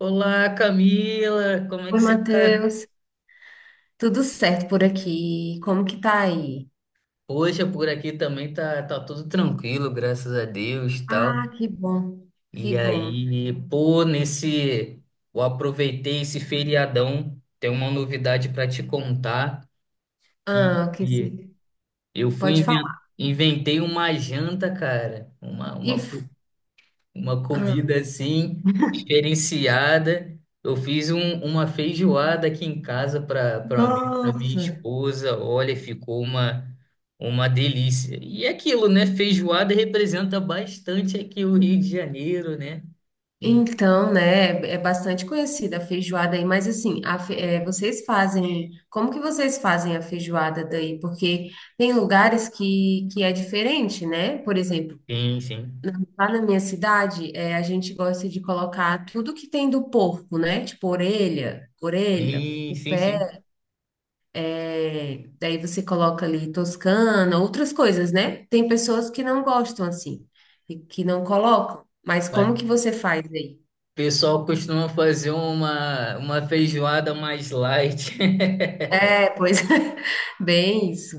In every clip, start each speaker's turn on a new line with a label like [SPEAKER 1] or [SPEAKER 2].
[SPEAKER 1] Olá, Camila, como é
[SPEAKER 2] Oi,
[SPEAKER 1] que você tá?
[SPEAKER 2] Matheus. Tudo certo por aqui? Como que tá aí?
[SPEAKER 1] Poxa, por aqui também tá tudo tranquilo, graças a Deus, tal.
[SPEAKER 2] Ah, que bom, que
[SPEAKER 1] E
[SPEAKER 2] bom.
[SPEAKER 1] aí, pô, nesse, eu aproveitei esse feriadão, tem uma novidade para te contar que
[SPEAKER 2] Ah, o que se
[SPEAKER 1] eu
[SPEAKER 2] pode falar?
[SPEAKER 1] inventei uma janta, cara, uma,
[SPEAKER 2] E,
[SPEAKER 1] uma
[SPEAKER 2] f-
[SPEAKER 1] uma
[SPEAKER 2] ah,
[SPEAKER 1] comida assim diferenciada. Eu fiz uma feijoada aqui em casa para mim, para minha
[SPEAKER 2] nossa.
[SPEAKER 1] esposa. Olha, ficou uma delícia. E é aquilo, né? Feijoada representa bastante aqui o Rio de Janeiro, né? E-
[SPEAKER 2] Então, né? É bastante conhecida a feijoada aí, mas assim, vocês fazem. Como que vocês fazem a feijoada daí? Porque tem lugares que é diferente, né? Por exemplo.
[SPEAKER 1] sim, sim.
[SPEAKER 2] Lá na minha cidade, a gente gosta de colocar tudo que tem do porco, né? Tipo orelha,
[SPEAKER 1] Sim,
[SPEAKER 2] o
[SPEAKER 1] sim,
[SPEAKER 2] pé.
[SPEAKER 1] sim.
[SPEAKER 2] É, daí você coloca ali Toscana, outras coisas, né? Tem pessoas que não gostam assim, e que não colocam. Mas como
[SPEAKER 1] Vai.
[SPEAKER 2] que você faz aí?
[SPEAKER 1] O pessoal costuma fazer uma feijoada mais light.
[SPEAKER 2] É, pois é, bem isso.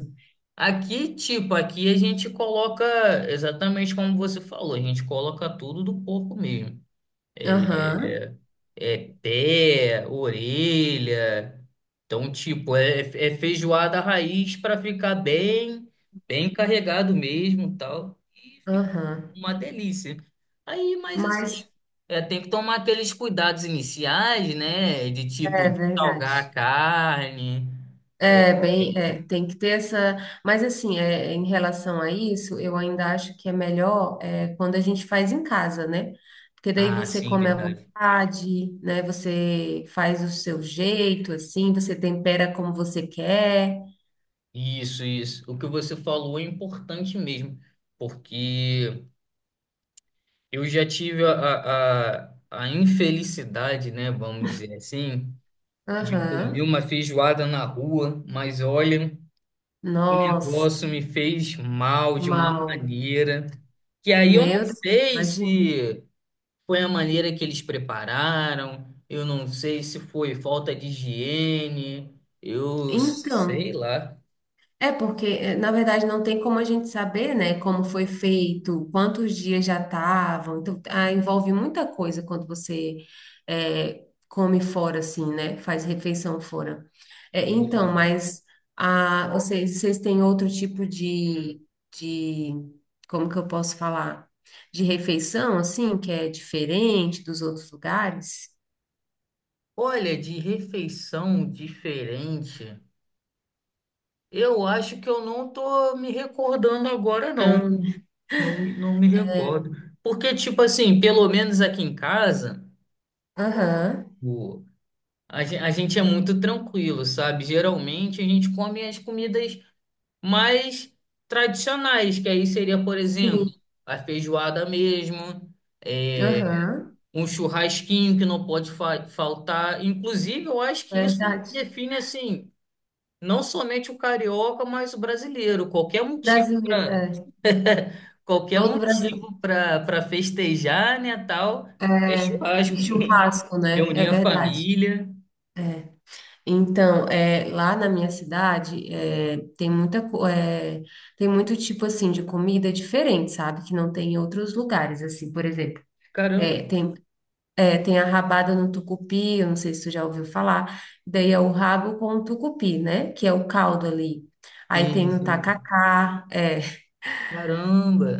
[SPEAKER 1] Aqui, tipo, aqui a gente coloca exatamente como você falou, a gente coloca tudo do corpo mesmo.
[SPEAKER 2] Aham,
[SPEAKER 1] É, pé, orelha. Então, tipo, é feijoada raiz para ficar bem, bem carregado mesmo, tal. E fica
[SPEAKER 2] aham.
[SPEAKER 1] uma delícia. Aí, mas assim,
[SPEAKER 2] Mas
[SPEAKER 1] é, tem que tomar aqueles cuidados iniciais, né? De tipo,
[SPEAKER 2] é
[SPEAKER 1] de salgar a
[SPEAKER 2] verdade.
[SPEAKER 1] carne. É.
[SPEAKER 2] Tem que ter essa. Mas assim, é, em relação a isso, eu ainda acho que é melhor quando a gente faz em casa, né? Porque daí
[SPEAKER 1] Ah,
[SPEAKER 2] você
[SPEAKER 1] sim,
[SPEAKER 2] come à
[SPEAKER 1] verdade.
[SPEAKER 2] vontade, né? Você faz o seu jeito, assim, você tempera como você quer.
[SPEAKER 1] Isso, isso. O que você falou é importante mesmo, porque eu já tive a infelicidade, né, vamos dizer assim, de comer
[SPEAKER 2] Aham.
[SPEAKER 1] uma feijoada na rua, mas olha, o
[SPEAKER 2] Nossa,
[SPEAKER 1] negócio me fez mal de uma
[SPEAKER 2] mal.
[SPEAKER 1] maneira que aí eu não
[SPEAKER 2] Meu Deus,
[SPEAKER 1] sei
[SPEAKER 2] imagina.
[SPEAKER 1] se foi a maneira que eles prepararam, eu não sei se foi falta de higiene, eu sei
[SPEAKER 2] Então.
[SPEAKER 1] lá.
[SPEAKER 2] É porque, na verdade, não tem como a gente saber, né, como foi feito, quantos dias já estavam. Então, ah, envolve muita coisa quando você come fora, assim, né, faz refeição fora. Eh, então, mas ah, vocês têm outro tipo de, como que eu posso falar? De refeição, assim, que é diferente dos outros lugares?
[SPEAKER 1] Olha, de refeição diferente, eu acho que eu não tô me recordando agora, não.
[SPEAKER 2] Não.
[SPEAKER 1] Não, não me recordo.
[SPEAKER 2] Né?
[SPEAKER 1] Porque, tipo assim, pelo menos aqui em casa,
[SPEAKER 2] Aham,
[SPEAKER 1] o, a gente é muito tranquilo, sabe? Geralmente a gente come as comidas mais tradicionais, que aí seria, por exemplo,
[SPEAKER 2] sim,
[SPEAKER 1] a feijoada mesmo, é,
[SPEAKER 2] aham,
[SPEAKER 1] um churrasquinho que não pode faltar. Inclusive, eu acho que isso
[SPEAKER 2] verdade.
[SPEAKER 1] define, assim. Não somente o carioca, mas o brasileiro.
[SPEAKER 2] Brasileiro, é.
[SPEAKER 1] Qualquer
[SPEAKER 2] Todo brasileiro
[SPEAKER 1] motivo para festejar, né, tal, é
[SPEAKER 2] é
[SPEAKER 1] churrasco.
[SPEAKER 2] em churrasco, né? É
[SPEAKER 1] Reunir a
[SPEAKER 2] verdade.
[SPEAKER 1] família.
[SPEAKER 2] É. Então, é, lá na minha cidade, é, tem muito tipo assim de comida diferente, sabe? Que não tem em outros lugares, assim, por exemplo. É,
[SPEAKER 1] Caramba.
[SPEAKER 2] tem, é, tem a rabada no tucupi, eu não sei se tu já ouviu falar. Daí é o rabo com o tucupi, né? Que é o caldo ali. Aí tem
[SPEAKER 1] Sim,
[SPEAKER 2] o
[SPEAKER 1] sim.
[SPEAKER 2] tacacá, é,
[SPEAKER 1] Caramba.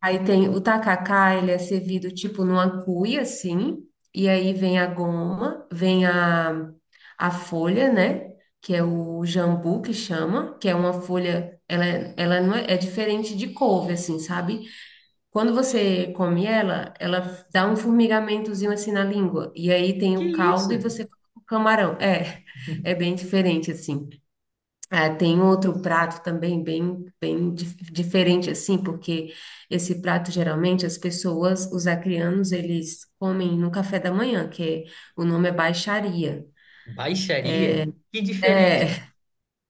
[SPEAKER 2] Aí tem o tacacá, ele é servido tipo numa cuia, assim, e aí vem a goma, a folha, né? Que é o jambu que chama, que é uma folha, ela não é, é diferente de couve, assim, sabe? Quando você come ela, ela dá um formigamentozinho assim na língua, e aí tem
[SPEAKER 1] Que
[SPEAKER 2] o caldo
[SPEAKER 1] isso?
[SPEAKER 2] e você coloca o camarão. É, é bem diferente, assim. É, tem outro prato também diferente assim, porque esse prato geralmente as pessoas, os acrianos, eles comem no café da manhã, o nome é baixaria.
[SPEAKER 1] Baixaria? Que diferente.
[SPEAKER 2] É,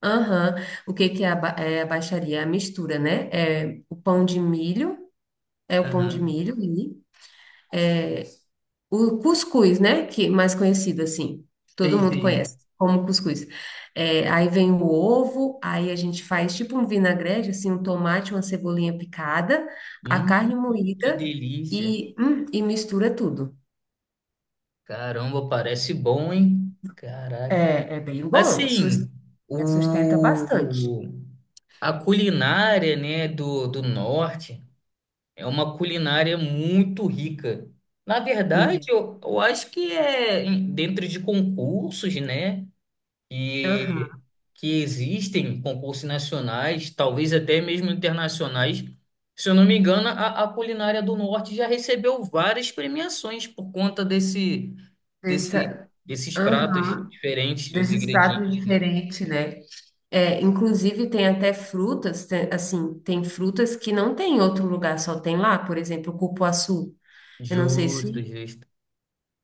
[SPEAKER 2] aham. O que que é a, ba- É a baixaria? É a mistura, né? É o pão de milho, é o pão de
[SPEAKER 1] Aham.
[SPEAKER 2] milho. O cuscuz, né? Que mais conhecido assim. Todo
[SPEAKER 1] Sim,
[SPEAKER 2] mundo
[SPEAKER 1] sim.
[SPEAKER 2] conhece como cuscuz. É, aí vem o ovo, aí a gente faz tipo um vinagrete, assim, um tomate, uma cebolinha picada, a
[SPEAKER 1] Hum,
[SPEAKER 2] carne
[SPEAKER 1] que
[SPEAKER 2] moída
[SPEAKER 1] delícia.
[SPEAKER 2] e mistura tudo.
[SPEAKER 1] Caramba, parece bom, hein? Caraca.
[SPEAKER 2] É,
[SPEAKER 1] Assim,
[SPEAKER 2] é, sustenta bastante.
[SPEAKER 1] o. A culinária, né, do norte é uma culinária muito rica. Na verdade,
[SPEAKER 2] Uhum.
[SPEAKER 1] eu acho que é dentro de concursos, né, que,
[SPEAKER 2] Aham.
[SPEAKER 1] que existem, concursos nacionais, talvez até mesmo internacionais. Se eu não me engano, a culinária do norte já recebeu várias premiações por conta desse, desse,
[SPEAKER 2] Essa-
[SPEAKER 1] desses pratos
[SPEAKER 2] aham.
[SPEAKER 1] diferentes, dos
[SPEAKER 2] Desses pratos
[SPEAKER 1] ingredientes, né?
[SPEAKER 2] diferentes, né? É, inclusive tem até frutas, tem- assim, tem frutas que não tem em outro lugar, só tem lá, por exemplo, o cupuaçu. Eu não sei
[SPEAKER 1] Justo,
[SPEAKER 2] se
[SPEAKER 1] justo.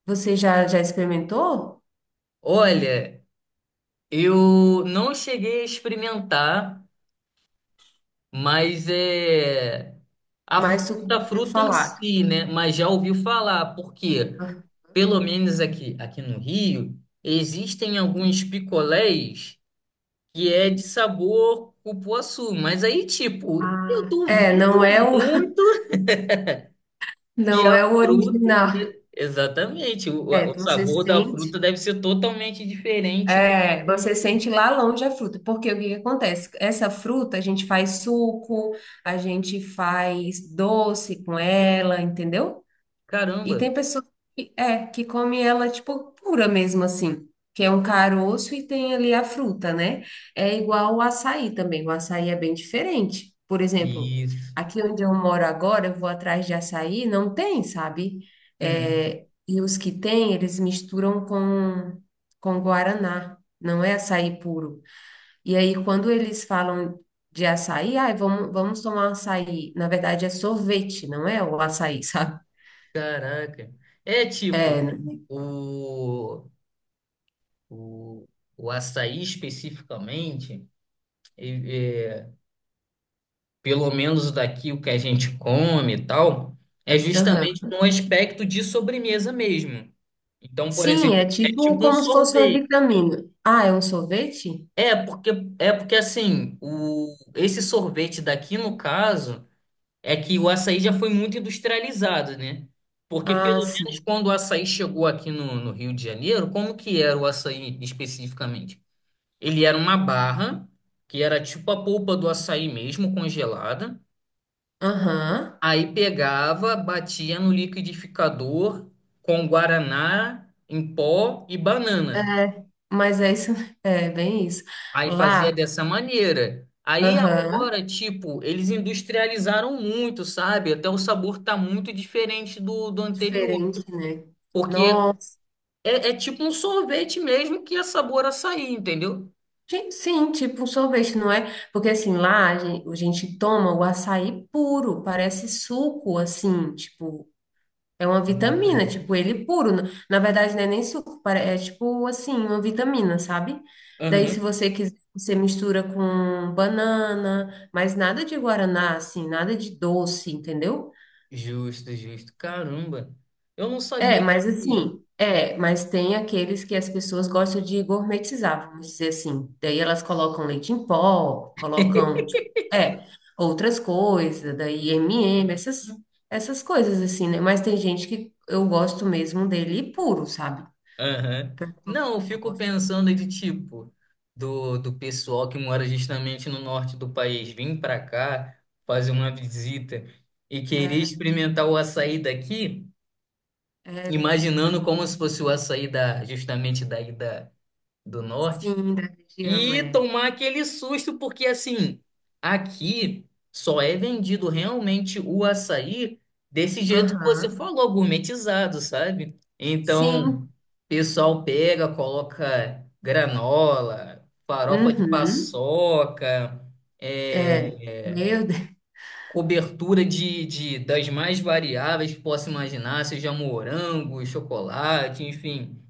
[SPEAKER 2] você já experimentou,
[SPEAKER 1] Olha. Eu não cheguei a experimentar, mas é
[SPEAKER 2] mas tu
[SPEAKER 1] a
[SPEAKER 2] ouviu
[SPEAKER 1] fruta em
[SPEAKER 2] falar.
[SPEAKER 1] si, né? Mas já ouvi falar, porque pelo menos aqui no Rio, existem alguns picolés que é de sabor cupuaçu, mas aí, tipo, eu
[SPEAKER 2] Ah, é,
[SPEAKER 1] duvido muito que
[SPEAKER 2] não
[SPEAKER 1] a
[SPEAKER 2] é o
[SPEAKER 1] fruta.
[SPEAKER 2] original.
[SPEAKER 1] Exatamente,
[SPEAKER 2] É,
[SPEAKER 1] o
[SPEAKER 2] você
[SPEAKER 1] sabor da
[SPEAKER 2] sente,
[SPEAKER 1] fruta deve ser totalmente diferente do
[SPEAKER 2] é, você sente lá longe a fruta, porque o que que acontece? Essa fruta a gente faz suco, a gente faz doce com ela, entendeu? E
[SPEAKER 1] caramba.
[SPEAKER 2] tem pessoas que, é, que come ela, tipo, pura mesmo, assim. Que é um caroço e tem ali a fruta, né? É igual o açaí também. O açaí é bem diferente. Por exemplo,
[SPEAKER 1] Isso.
[SPEAKER 2] aqui onde eu moro agora, eu vou atrás de açaí, não tem, sabe?
[SPEAKER 1] Uhum.
[SPEAKER 2] É, e os que tem, eles com guaraná. Não é açaí puro. E aí, quando eles falam de açaí, ai, vamos tomar açaí. Na verdade, é sorvete, não é o açaí, sabe?
[SPEAKER 1] Caraca. É tipo,
[SPEAKER 2] É, né?
[SPEAKER 1] o, o, o açaí especificamente, e- é, pelo menos daqui o que a gente come e tal, é
[SPEAKER 2] Aham.
[SPEAKER 1] justamente no aspecto de sobremesa mesmo. Então, por
[SPEAKER 2] Sim,
[SPEAKER 1] exemplo,
[SPEAKER 2] é
[SPEAKER 1] é
[SPEAKER 2] tipo
[SPEAKER 1] tipo um
[SPEAKER 2] como se fosse uma
[SPEAKER 1] sorvete.
[SPEAKER 2] vitamina. Ah, é um sorvete?
[SPEAKER 1] É porque, é porque assim, o, esse sorvete daqui, no caso. É que o açaí já foi muito industrializado, né? Porque
[SPEAKER 2] Ah,
[SPEAKER 1] pelo menos
[SPEAKER 2] sim.
[SPEAKER 1] quando o açaí chegou aqui no Rio de Janeiro, como que era o açaí especificamente? Ele era uma barra, que era tipo a polpa do açaí mesmo, congelada.
[SPEAKER 2] Aham.
[SPEAKER 1] Aí pegava, batia no liquidificador com guaraná em pó e banana.
[SPEAKER 2] É, mas é isso, é bem isso.
[SPEAKER 1] Aí
[SPEAKER 2] Lá,
[SPEAKER 1] fazia dessa maneira. Aí
[SPEAKER 2] aham,
[SPEAKER 1] agora, tipo, eles industrializaram muito, sabe? Até o sabor tá muito diferente do, do anterior.
[SPEAKER 2] diferente, né?
[SPEAKER 1] Porque
[SPEAKER 2] Nossa,
[SPEAKER 1] é, é tipo um sorvete mesmo que é sabor açaí, entendeu?
[SPEAKER 2] ti- sim, tipo um sorvete, não é? Porque assim, a gente toma o açaí puro, parece suco, assim, tipo. É uma vitamina, tipo, ele puro. Na verdade, não é nem suco, pare- é tipo assim, uma vitamina, sabe? Daí, se
[SPEAKER 1] Aham.
[SPEAKER 2] você quiser, você mistura com banana, mas nada de guaraná, assim, nada de doce, entendeu?
[SPEAKER 1] Justo, justo. Caramba. Eu não
[SPEAKER 2] É,
[SPEAKER 1] sabia
[SPEAKER 2] mas
[SPEAKER 1] que.
[SPEAKER 2] assim, é, mas tem aqueles que as pessoas gostam de gourmetizar, vamos dizer assim. Daí elas colocam leite em pó, colocam, tipo, é, outras coisas, daí M&M, essas coisas assim, né? Mas tem gente que eu gosto mesmo dele puro, sabe?
[SPEAKER 1] Aham.
[SPEAKER 2] Tanto
[SPEAKER 1] Não, eu
[SPEAKER 2] não
[SPEAKER 1] fico
[SPEAKER 2] gosto.
[SPEAKER 1] pensando de tipo, do pessoal que mora justamente no norte do país vir para cá fazer uma visita e querer
[SPEAKER 2] É,
[SPEAKER 1] experimentar o açaí daqui,
[SPEAKER 2] é, não.
[SPEAKER 1] imaginando como se fosse o açaí da, justamente daí da, do norte.
[SPEAKER 2] Sim, da região,
[SPEAKER 1] E
[SPEAKER 2] é.
[SPEAKER 1] tomar aquele susto, porque assim, aqui só é vendido realmente o açaí desse jeito que você
[SPEAKER 2] Aham.
[SPEAKER 1] falou, gourmetizado, sabe? Então, o
[SPEAKER 2] Sim.
[SPEAKER 1] pessoal pega, coloca granola, farofa de
[SPEAKER 2] Uhum.
[SPEAKER 1] paçoca,
[SPEAKER 2] É.
[SPEAKER 1] é,
[SPEAKER 2] Meu Deus.
[SPEAKER 1] cobertura de, das mais variáveis que possa imaginar, seja morango, chocolate, enfim.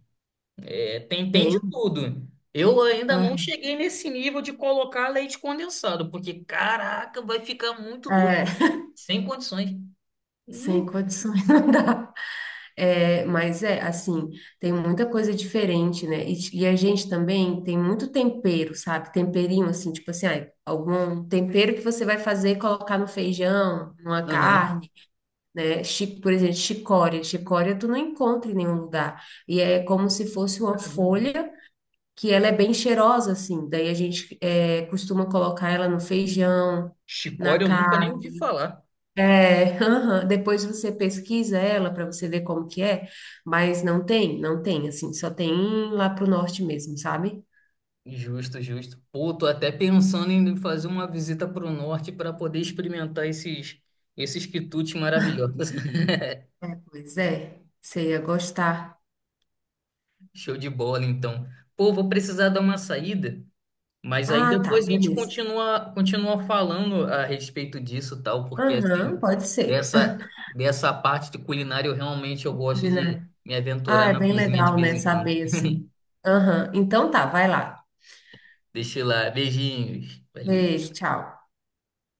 [SPEAKER 1] É, tem, tem de
[SPEAKER 2] Bem.
[SPEAKER 1] tudo. Eu ainda não
[SPEAKER 2] Aham.
[SPEAKER 1] cheguei nesse nível de colocar leite condensado, porque caraca, vai ficar muito doce,
[SPEAKER 2] É.
[SPEAKER 1] sem condições.
[SPEAKER 2] Sem
[SPEAKER 1] Nu.
[SPEAKER 2] condições não dá. É, mas é assim, tem muita coisa diferente, né? E a gente também tem muito tempero, sabe? Temperinho, assim, tipo assim, ai, algum tempero que você vai fazer e colocar no feijão, numa
[SPEAKER 1] Aham.
[SPEAKER 2] carne. Né? Chi- Por exemplo, chicória. Chicória tu não encontra em nenhum lugar. E é como se fosse uma
[SPEAKER 1] Caramba.
[SPEAKER 2] folha que ela é bem cheirosa, assim. Daí a gente é, costuma colocar ela no feijão, na
[SPEAKER 1] Chicória eu nunca nem
[SPEAKER 2] carne.
[SPEAKER 1] ouvi falar.
[SPEAKER 2] É, aham. Depois você pesquisa ela para você ver como que é, mas não tem, assim, só tem lá pro norte mesmo, sabe?
[SPEAKER 1] Justo, justo. Pô, tô até pensando em fazer uma visita pro norte para poder experimentar esses quitutes maravilhosos.
[SPEAKER 2] Pois é, você ia gostar.
[SPEAKER 1] Show de bola, então. Pô, vou precisar dar uma saída. Mas aí
[SPEAKER 2] Ah, tá,
[SPEAKER 1] depois a gente
[SPEAKER 2] beleza.
[SPEAKER 1] continua falando a respeito disso, tal, porque assim,
[SPEAKER 2] Aham, pode ser.
[SPEAKER 1] dessa, dessa parte de culinária eu gosto de me aventurar
[SPEAKER 2] Ah, é
[SPEAKER 1] na
[SPEAKER 2] bem
[SPEAKER 1] cozinha de
[SPEAKER 2] legal,
[SPEAKER 1] vez
[SPEAKER 2] né?
[SPEAKER 1] em quando.
[SPEAKER 2] Saber assim. Aham. Então tá, vai lá.
[SPEAKER 1] Deixa eu lá, beijinhos. Valeu.
[SPEAKER 2] Beijo, tchau.